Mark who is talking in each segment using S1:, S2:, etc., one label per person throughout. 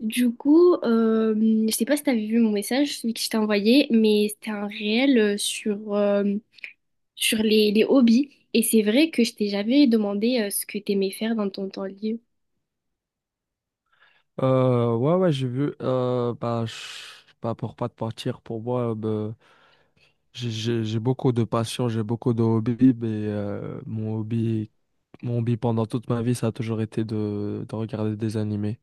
S1: Du coup, je sais pas si t'avais vu mon message, celui que je t'ai envoyé, mais c'était un réel sur les hobbies. Et c'est vrai que je t'ai jamais demandé ce que t'aimais faire dans ton temps libre.
S2: Ouais, ouais, j'ai vu. Bah, pour pas te mentir, pour moi, bah, j'ai beaucoup de passion, j'ai beaucoup de hobbies, mais mon hobby pendant toute ma vie, ça a toujours été de regarder des animés,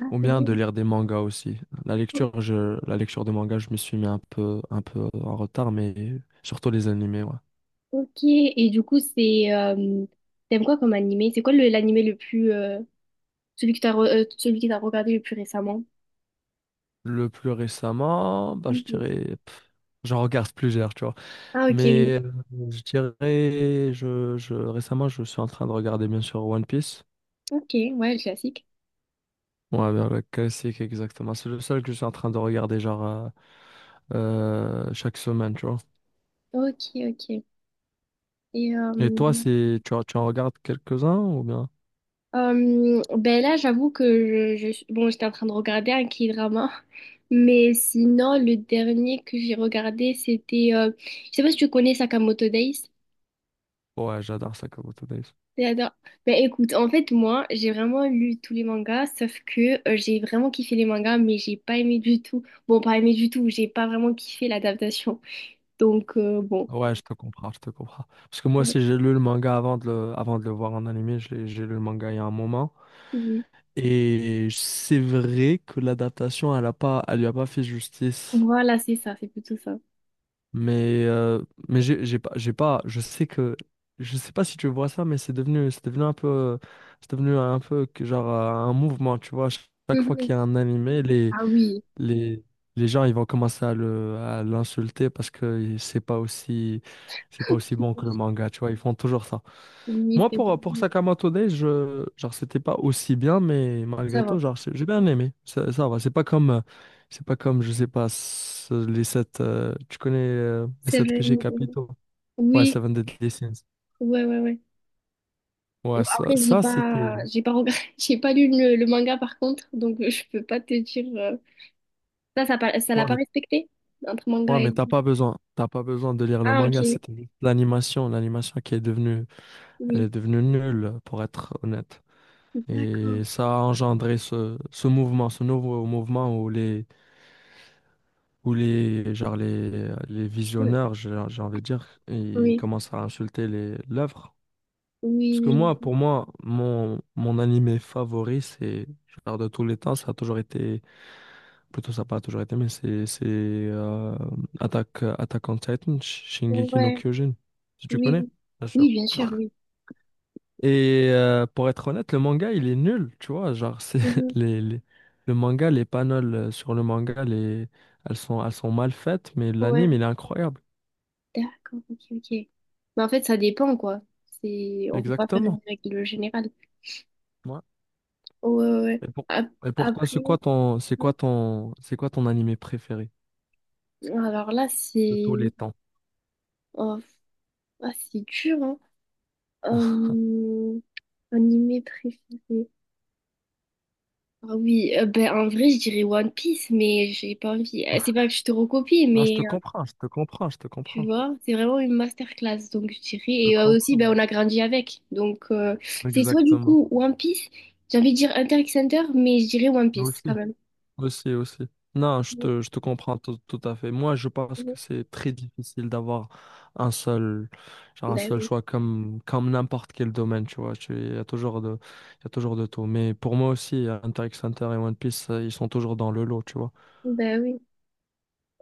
S1: Ah,
S2: ou
S1: c'est
S2: bien
S1: vrai.
S2: de lire des mangas aussi.
S1: O-
S2: La lecture de mangas, je me suis mis un peu en retard, mais surtout les animés, ouais.
S1: Ok, et du coup, c'est t'aimes quoi comme animé? C'est quoi l'animé le plus celui que celui que t'as regardé le plus récemment?
S2: Le plus récemment, bah, je
S1: Mhm.
S2: dirais, j'en regarde plusieurs, tu vois.
S1: Ah, ok, oui.
S2: Mais je dirais, récemment, je suis en train de regarder bien sûr One Piece.
S1: Ok, ouais, le classique.
S2: Ouais, ben, le classique, exactement. C'est le seul que je suis en train de regarder, genre, chaque semaine, tu vois.
S1: Ok, ok. Et
S2: Et toi, tu en regardes quelques-uns ou bien?
S1: Ben là, j'avoue que bon, j'étais en train de regarder un K-drama, mais sinon, le dernier que j'ai regardé, c'était, je sais pas si tu connais Sakamoto Days.
S2: Ouais, j'adore Sakamoto Days.
S1: J'adore. Ben écoute, en fait, moi, j'ai vraiment lu tous les mangas, sauf que j'ai vraiment kiffé les mangas, mais j'ai pas aimé du tout. Bon, pas aimé du tout, j'ai pas vraiment kiffé l'adaptation. Donc, bon.
S2: Ouais, je te comprends, je te comprends. Parce que moi aussi, j'ai lu le manga avant avant de le voir en animé. J'ai lu le manga il y a un moment.
S1: Oui.
S2: Et c'est vrai que l'adaptation, elle lui a pas fait justice.
S1: Voilà, c'est ça, c'est plutôt ça.
S2: Mais, euh, mais, j'ai pas, je sais pas si tu vois ça, mais c'est devenu un peu, c'est devenu un peu que genre un mouvement, tu vois. Chaque fois qu'il
S1: Mhm.
S2: y a un animé,
S1: Ah oui,
S2: les, les gens ils vont commencer à à l'insulter parce que c'est pas aussi bon que le manga, tu vois, ils font toujours ça.
S1: oui,
S2: Moi
S1: c'est
S2: pour Sakamoto Days, je genre c'était pas aussi bien mais
S1: ça
S2: malgré
S1: va.
S2: tout genre j'ai bien aimé. Ça va, c'est pas comme je sais pas ce- les sept tu connais les
S1: C'est
S2: sept
S1: vrai.
S2: péchés capitaux. Ouais,
S1: Oui,
S2: Seven Deadly Sins.
S1: ouais, ouais, ouais. Bon,
S2: Ouais, ça,
S1: après,
S2: ça c'était.
S1: j'ai pas regret- j'ai pas lu le manga par contre, donc je peux pas te dire. Ça, ça l'a
S2: Non
S1: pas
S2: mais
S1: respecté entre manga
S2: ouais, mais
S1: et.
S2: t'as pas besoin de lire le
S1: Ah,
S2: manga,
S1: ok.
S2: c'était juste l'animation, l'animation qui est devenue elle
S1: Oui.
S2: est devenue nulle, pour être honnête.
S1: D'accord.
S2: Et ça a engendré ce mouvement, ce nouveau mouvement où les
S1: Ouais.
S2: visionneurs, j'ai envie de dire, ils
S1: Oui.
S2: commencent à insulter l'œuvre.
S1: Oui,
S2: Parce que
S1: oui.
S2: pour moi, mon animé favori, c'est, genre de tous les temps, ça a toujours été, plutôt ça n'a pas toujours été, mais Attack on Titan, Shingeki no
S1: Ouais.
S2: Kyojin, si tu
S1: Oui,
S2: connais.
S1: oui.
S2: Bien
S1: Oui,
S2: sûr.
S1: bien sûr, oui.
S2: Et pour être honnête, le manga, il est nul, tu vois. Genre, c'est
S1: Mhm.
S2: les, les- le manga, les panels sur le manga, elles sont mal faites, mais
S1: Ouais.
S2: l'anime, il est incroyable.
S1: D'accord, ok, ok. Mais en fait, ça dépend, quoi. C'est, on peut pas faire
S2: Exactement.
S1: une règle générale.
S2: Ouais.
S1: Ouais, ouais, ouais.
S2: Et pour, et pour toi,
S1: Après, hein.
S2: c'est quoi ton animé préféré
S1: Alors là,
S2: de
S1: c'est,
S2: tous les temps?
S1: oh, ah, c'est dur, hein. Euh, animé préféré. Ah oui, ben, en vrai, je dirais One Piece, mais j'ai pas envie. C'est pas que je te recopie,
S2: Non, je
S1: mais
S2: te comprends, je te comprends, je te
S1: tu
S2: comprends,
S1: vois, c'est vraiment une masterclass, donc je dirais.
S2: je te
S1: Et aussi, ben,
S2: comprends.
S1: on a grandi avec. Donc, c'est soit du
S2: Exactement.
S1: coup One Piece, j'ai envie de dire Hunter x Hunter, mais je dirais One
S2: Nous
S1: Piece quand
S2: aussi.
S1: même.
S2: Aussi, aussi. Non, je te comprends tout à fait. Moi, je pense que c'est très difficile d'avoir un seul, genre un
S1: Ben
S2: seul
S1: oui,
S2: choix comme n'importe quel domaine, tu vois. Il y a toujours de tout. Mais pour moi aussi, Hunter x Hunter et One Piece, ils sont toujours dans le lot, tu vois.
S1: ben oui.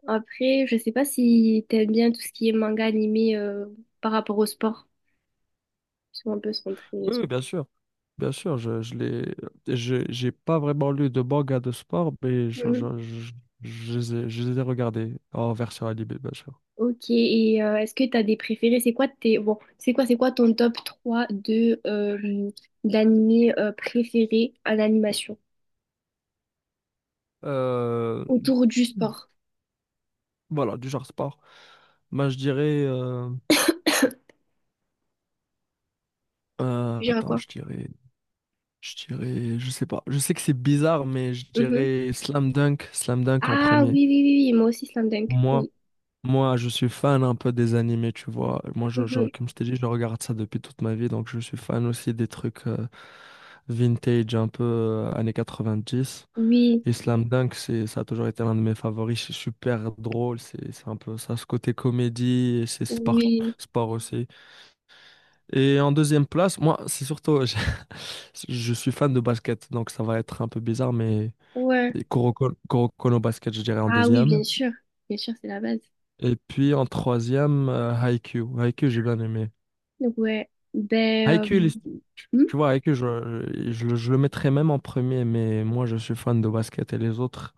S1: Après, je sais pas si t'aimes bien tout ce qui est manga animé par rapport au sport. Ils sont un peu centrés.
S2: Oui, oui, bien sûr. Bien sûr, j'ai pas vraiment lu de manga de sport, mais je les ai regardés en version animée, bien sûr.
S1: Ok, et est-ce que tu as des préférés? C'est quoi tes bon, c'est quoi ton top 3 de d'animés préférés en animation
S2: Euh,
S1: autour du sport?
S2: voilà, du genre sport. Moi, je dirais.
S1: Je dirais
S2: Attends,
S1: quoi?
S2: je dirais, je sais pas. Je sais que c'est bizarre, mais je
S1: Mhm.
S2: dirais Slam Dunk en
S1: Ah oui,
S2: premier.
S1: oui, oui, oui, moi aussi Slam Dunk.
S2: Moi,
S1: Oui.
S2: moi, je suis fan un peu des animés, tu vois. Moi,
S1: Mhm.
S2: comme je t'ai dit, je regarde ça depuis toute ma vie, donc je suis fan aussi des trucs vintage, un peu années 90.
S1: Oui,
S2: Et Slam Dunk, ça a toujours été l'un de mes favoris. C'est super drôle, c'est un peu ça, ce côté comédie, et c'est sport,
S1: oui,
S2: sport aussi. Et en deuxième place, moi, c'est surtout, je suis fan de basket, donc ça va être un peu bizarre, mais
S1: ouais.
S2: Koro Kono Basket, je dirais en
S1: Ah oui, bien
S2: deuxième.
S1: sûr. Bien sûr, c'est la base.
S2: Et puis en troisième, Haikyuu. Haikyuu, j'ai bien aimé.
S1: Donc, ouais. Ben
S2: Haikyuu, il est- tu
S1: hmm,
S2: tu vois, Haikyuu, je le mettrais même en premier, mais moi, je suis fan de basket et les autres,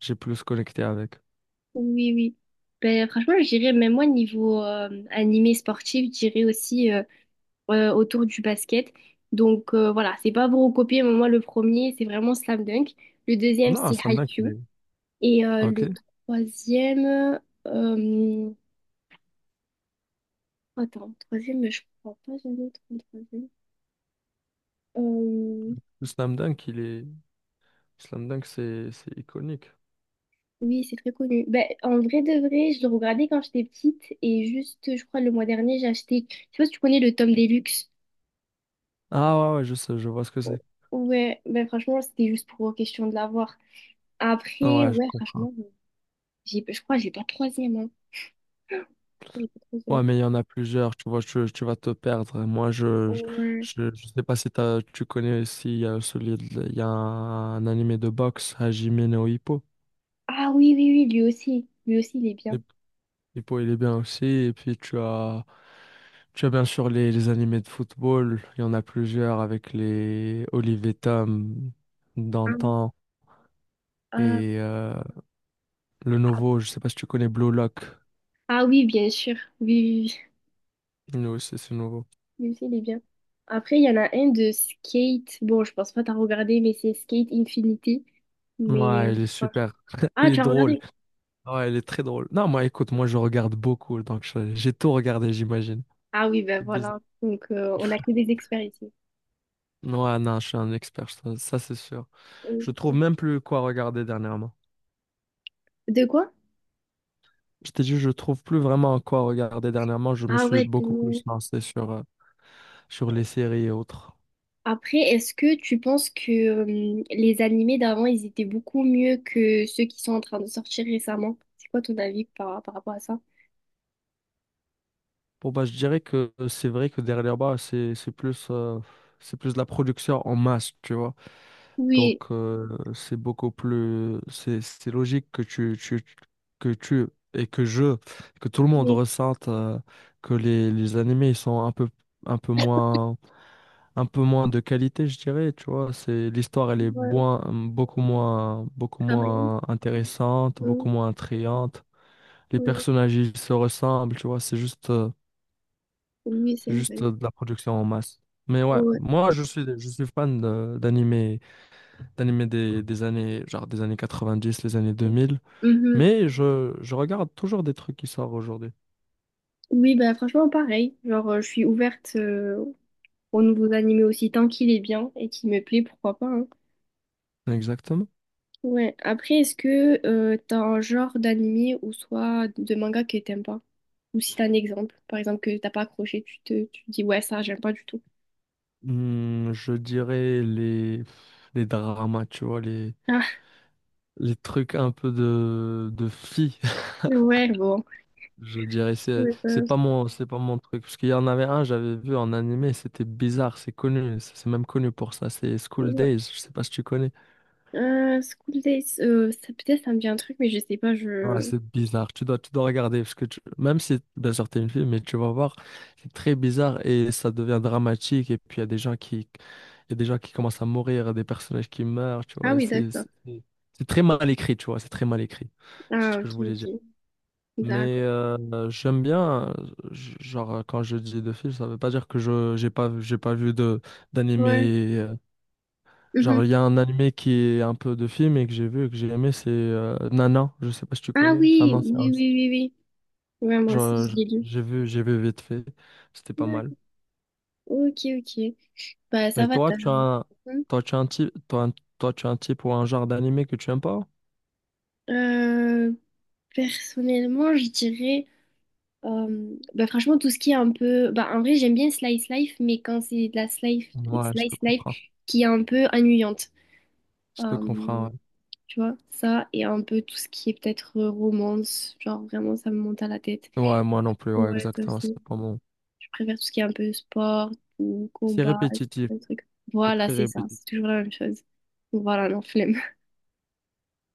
S2: j'ai plus connecté avec.
S1: oui, oui. Ben franchement, je dirais même moi niveau animé sportif, je dirais aussi autour du basket. Donc voilà, c'est pas pour recopier, mais moi le premier, c'est vraiment Slam Dunk. Le deuxième,
S2: Non,
S1: c'est
S2: Slam Dunk, il
S1: Haikyuu.
S2: est.
S1: Et
S2: Ok.
S1: le troisième, euh, attends, troisième, je crois pas jamais trop troisième. Euh,
S2: Le Slam Dunk, il est. Slam Dunk, c'est iconique.
S1: oui, c'est très connu. Ben, en vrai de vrai, je le regardais quand j'étais petite et juste, je crois, le mois dernier, j'ai acheté, je sais pas si tu connais le tome Deluxe.
S2: Ah ouais, ouais, je sais, je vois ce que
S1: O-
S2: c'est.
S1: Ouais, ben franchement, c'était juste pour question de l'avoir.
S2: Ah
S1: Après,
S2: ouais, je
S1: ouais,
S2: comprends.
S1: franchement, j'ai, je crois, que j'ai pas de troisième, hein.
S2: Ouais, mais il y en a plusieurs, tu vois, tu, vas te perdre. Moi,
S1: Ouais.
S2: je sais pas si tu connais aussi, il y a un animé de boxe, Hajime no Ippo.
S1: Ah oui, oui, oui, lui aussi. Lui aussi, il est bien.
S2: Et- Ippo, il est bien aussi. Et puis, tu as bien sûr les animés de football. Il y en a plusieurs avec les Olivier Tom
S1: Ah,
S2: d'antan
S1: euh,
S2: et le nouveau, je sais pas si tu connais Blue Lock.
S1: ah oui, bien sûr. Oui, oui, oui.
S2: Nous aussi, c'est nouveau.
S1: Lui aussi, il est bien. Après, il y en a un de Skate. Bon, je pense pas t'as regardé, mais c'est Skate Infinity. Mais...
S2: Ouais, il est
S1: voilà.
S2: super. Il
S1: Ah,
S2: est
S1: tu as
S2: drôle.
S1: regardé?
S2: Ouais, elle est très drôle. Non, moi, écoute, moi, je regarde beaucoup, donc j'ai tout regardé, j'imagine.
S1: Ah oui, ben
S2: C'est bizarre.
S1: voilà. Donc, on a que des experts ici.
S2: Ouais, non, je suis un expert, ça, c'est sûr. Je trouve même plus quoi regarder dernièrement.
S1: De quoi?
S2: Je t'ai dit, je trouve plus vraiment quoi regarder dernièrement. Je me
S1: Ah
S2: suis
S1: ouais,
S2: beaucoup plus
S1: tellement.
S2: lancé sur les séries et autres.
S1: Après, est-ce que tu penses que les animés d'avant, ils étaient beaucoup mieux que ceux qui sont en train de sortir récemment? C'est quoi ton avis par rapport à ça?
S2: Bon, bah, je dirais que c'est vrai que derrière bas, c'est plus de la production en masse, tu vois. Donc,
S1: Oui,
S2: c'est beaucoup plus, c'est logique que tu- que tu et que je, que tout le monde
S1: mais
S2: ressente que les animés ils sont un peu, un peu moins, un peu moins de qualité, je dirais. Tu vois, c'est l'histoire,
S1: ouais,
S2: beaucoup
S1: travailler.
S2: moins intéressante, beaucoup
S1: Euh,
S2: moins attrayante. Les
S1: oui,
S2: personnages, ils se ressemblent. Tu vois,
S1: oui,
S2: c'est
S1: c'est
S2: juste
S1: vrai.
S2: de la production en masse. Mais ouais,
S1: Ouais.
S2: moi, je suis fan d'animés des années, genre des années 90, les années 2000.
S1: Mhm.
S2: Mais je regarde toujours des trucs qui sortent aujourd'hui.
S1: Oui, bah franchement, pareil. Genre, je suis ouverte aux nouveaux animés aussi, tant qu'il est bien et qu'il me plaît, pourquoi pas. Hein.
S2: Exactement.
S1: Ouais. Après, est-ce que t'as un genre d'animé ou soit de manga que t'aimes pas? Ou si t'as un exemple, par exemple, que t'as pas accroché, tu te dis, ouais, ça, j'aime pas du tout.
S2: Hmm, je dirais les dramas, tu vois,
S1: Ah,
S2: les trucs un peu de filles.
S1: ouais, bon.
S2: Je dirais,
S1: Ouais, ça,
S2: c'est pas mon truc. Parce qu'il y en avait un, j'avais vu en animé, c'était bizarre, c'est connu, c'est même connu pour ça, c'est School
S1: ouais.
S2: Days, je sais pas si tu connais.
S1: School Days, peut-être ça me dit un truc, mais je sais pas,
S2: Ouais,
S1: je...
S2: c'est bizarre. Tu dois regarder parce que même si, bien sûr, t'es une fille, mais tu vas voir, c'est très bizarre et ça devient dramatique. Et puis il y a des gens qui commencent à mourir, il y a des personnages qui meurent, tu
S1: Ah
S2: vois. Et
S1: oui,
S2: C'est,
S1: d'accord.
S2: c'est c'est c'est très mal écrit, tu vois. C'est très mal écrit. C'est ce
S1: Ah,
S2: que
S1: ok,
S2: je voulais dire.
S1: ok.
S2: Mais
S1: D'accord.
S2: j'aime bien, genre quand je dis de films, ça veut pas dire que je j'ai pas vu de
S1: Ouais.
S2: d'animé. Genre
S1: Mhm.
S2: il y a un animé qui est un peu de film et que j'ai vu et que j'ai aimé, c'est Nana. Je sais pas si tu
S1: Ah
S2: connais. C'est un
S1: oui,
S2: ancien.
S1: oui, oui, oui, oui. Ouais, moi aussi,
S2: Je-
S1: je
S2: je-
S1: l'ai lu.
S2: j'ai vu vite fait. C'était pas mal.
S1: D'accord. Ok, ok. Bah, ça
S2: Mais
S1: va,
S2: toi,
S1: t'as raison.
S2: tu as un type, toi, tu as un type ou un genre d'animé que tu aimes pas?
S1: Euh, personnellement, je dirais. Bah, franchement, tout ce qui est un peu. Bah, en vrai, j'aime bien Slice Life, mais quand c'est de
S2: Ouais, je te
S1: slice Life
S2: comprends.
S1: qui est un peu ennuyante.
S2: Je te
S1: Euh,
S2: comprends, ouais.
S1: tu vois, ça, et un peu tout ce qui est peut-être romance. Genre, vraiment, ça me monte à la tête.
S2: Ouais, moi non plus, ouais,
S1: Ouais, toi
S2: exactement. C'est
S1: aussi.
S2: pas mon.
S1: Je préfère tout ce qui est un peu sport ou
S2: C'est
S1: combat,
S2: répétitif.
S1: un truc.
S2: C'est
S1: Voilà,
S2: très
S1: c'est ça,
S2: répétitif.
S1: c'est toujours la même chose. Donc voilà, non, flemme.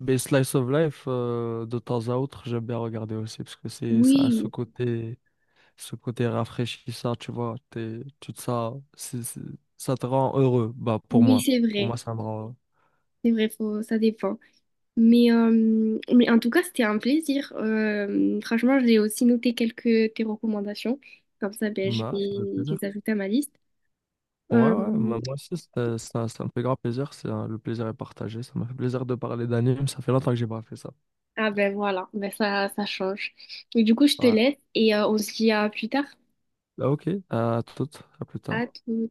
S2: Mais Slice of Life, de temps à autre, j'aime bien regarder aussi parce que ça a
S1: Oui,
S2: ce côté rafraîchissant, tu vois. T'es, tout ça, ça te rend heureux. Bah, pour
S1: oui,
S2: moi.
S1: c'est
S2: Pour
S1: vrai.
S2: moi, ça me rend.
S1: C'est vrai, faut, ça dépend. Mais en tout cas, c'était un plaisir. Franchement, j'ai aussi noté quelques tes recommandations. Comme ça, ben, je
S2: Non, ça fait
S1: vais
S2: plaisir.
S1: les ajouter à ma liste.
S2: Ouais,
S1: Euh,
S2: ouais, moi aussi, ça, ça me fait grand plaisir. Le plaisir est partagé. Ça m'a fait plaisir de parler d'anime. Ça fait longtemps que j'ai pas fait ça.
S1: ah ben voilà, ben ça change. Et du coup, je te
S2: Ouais.
S1: laisse et on se dit à plus tard.
S2: Bah, ok, à toutes, à plus
S1: À
S2: tard.
S1: tout.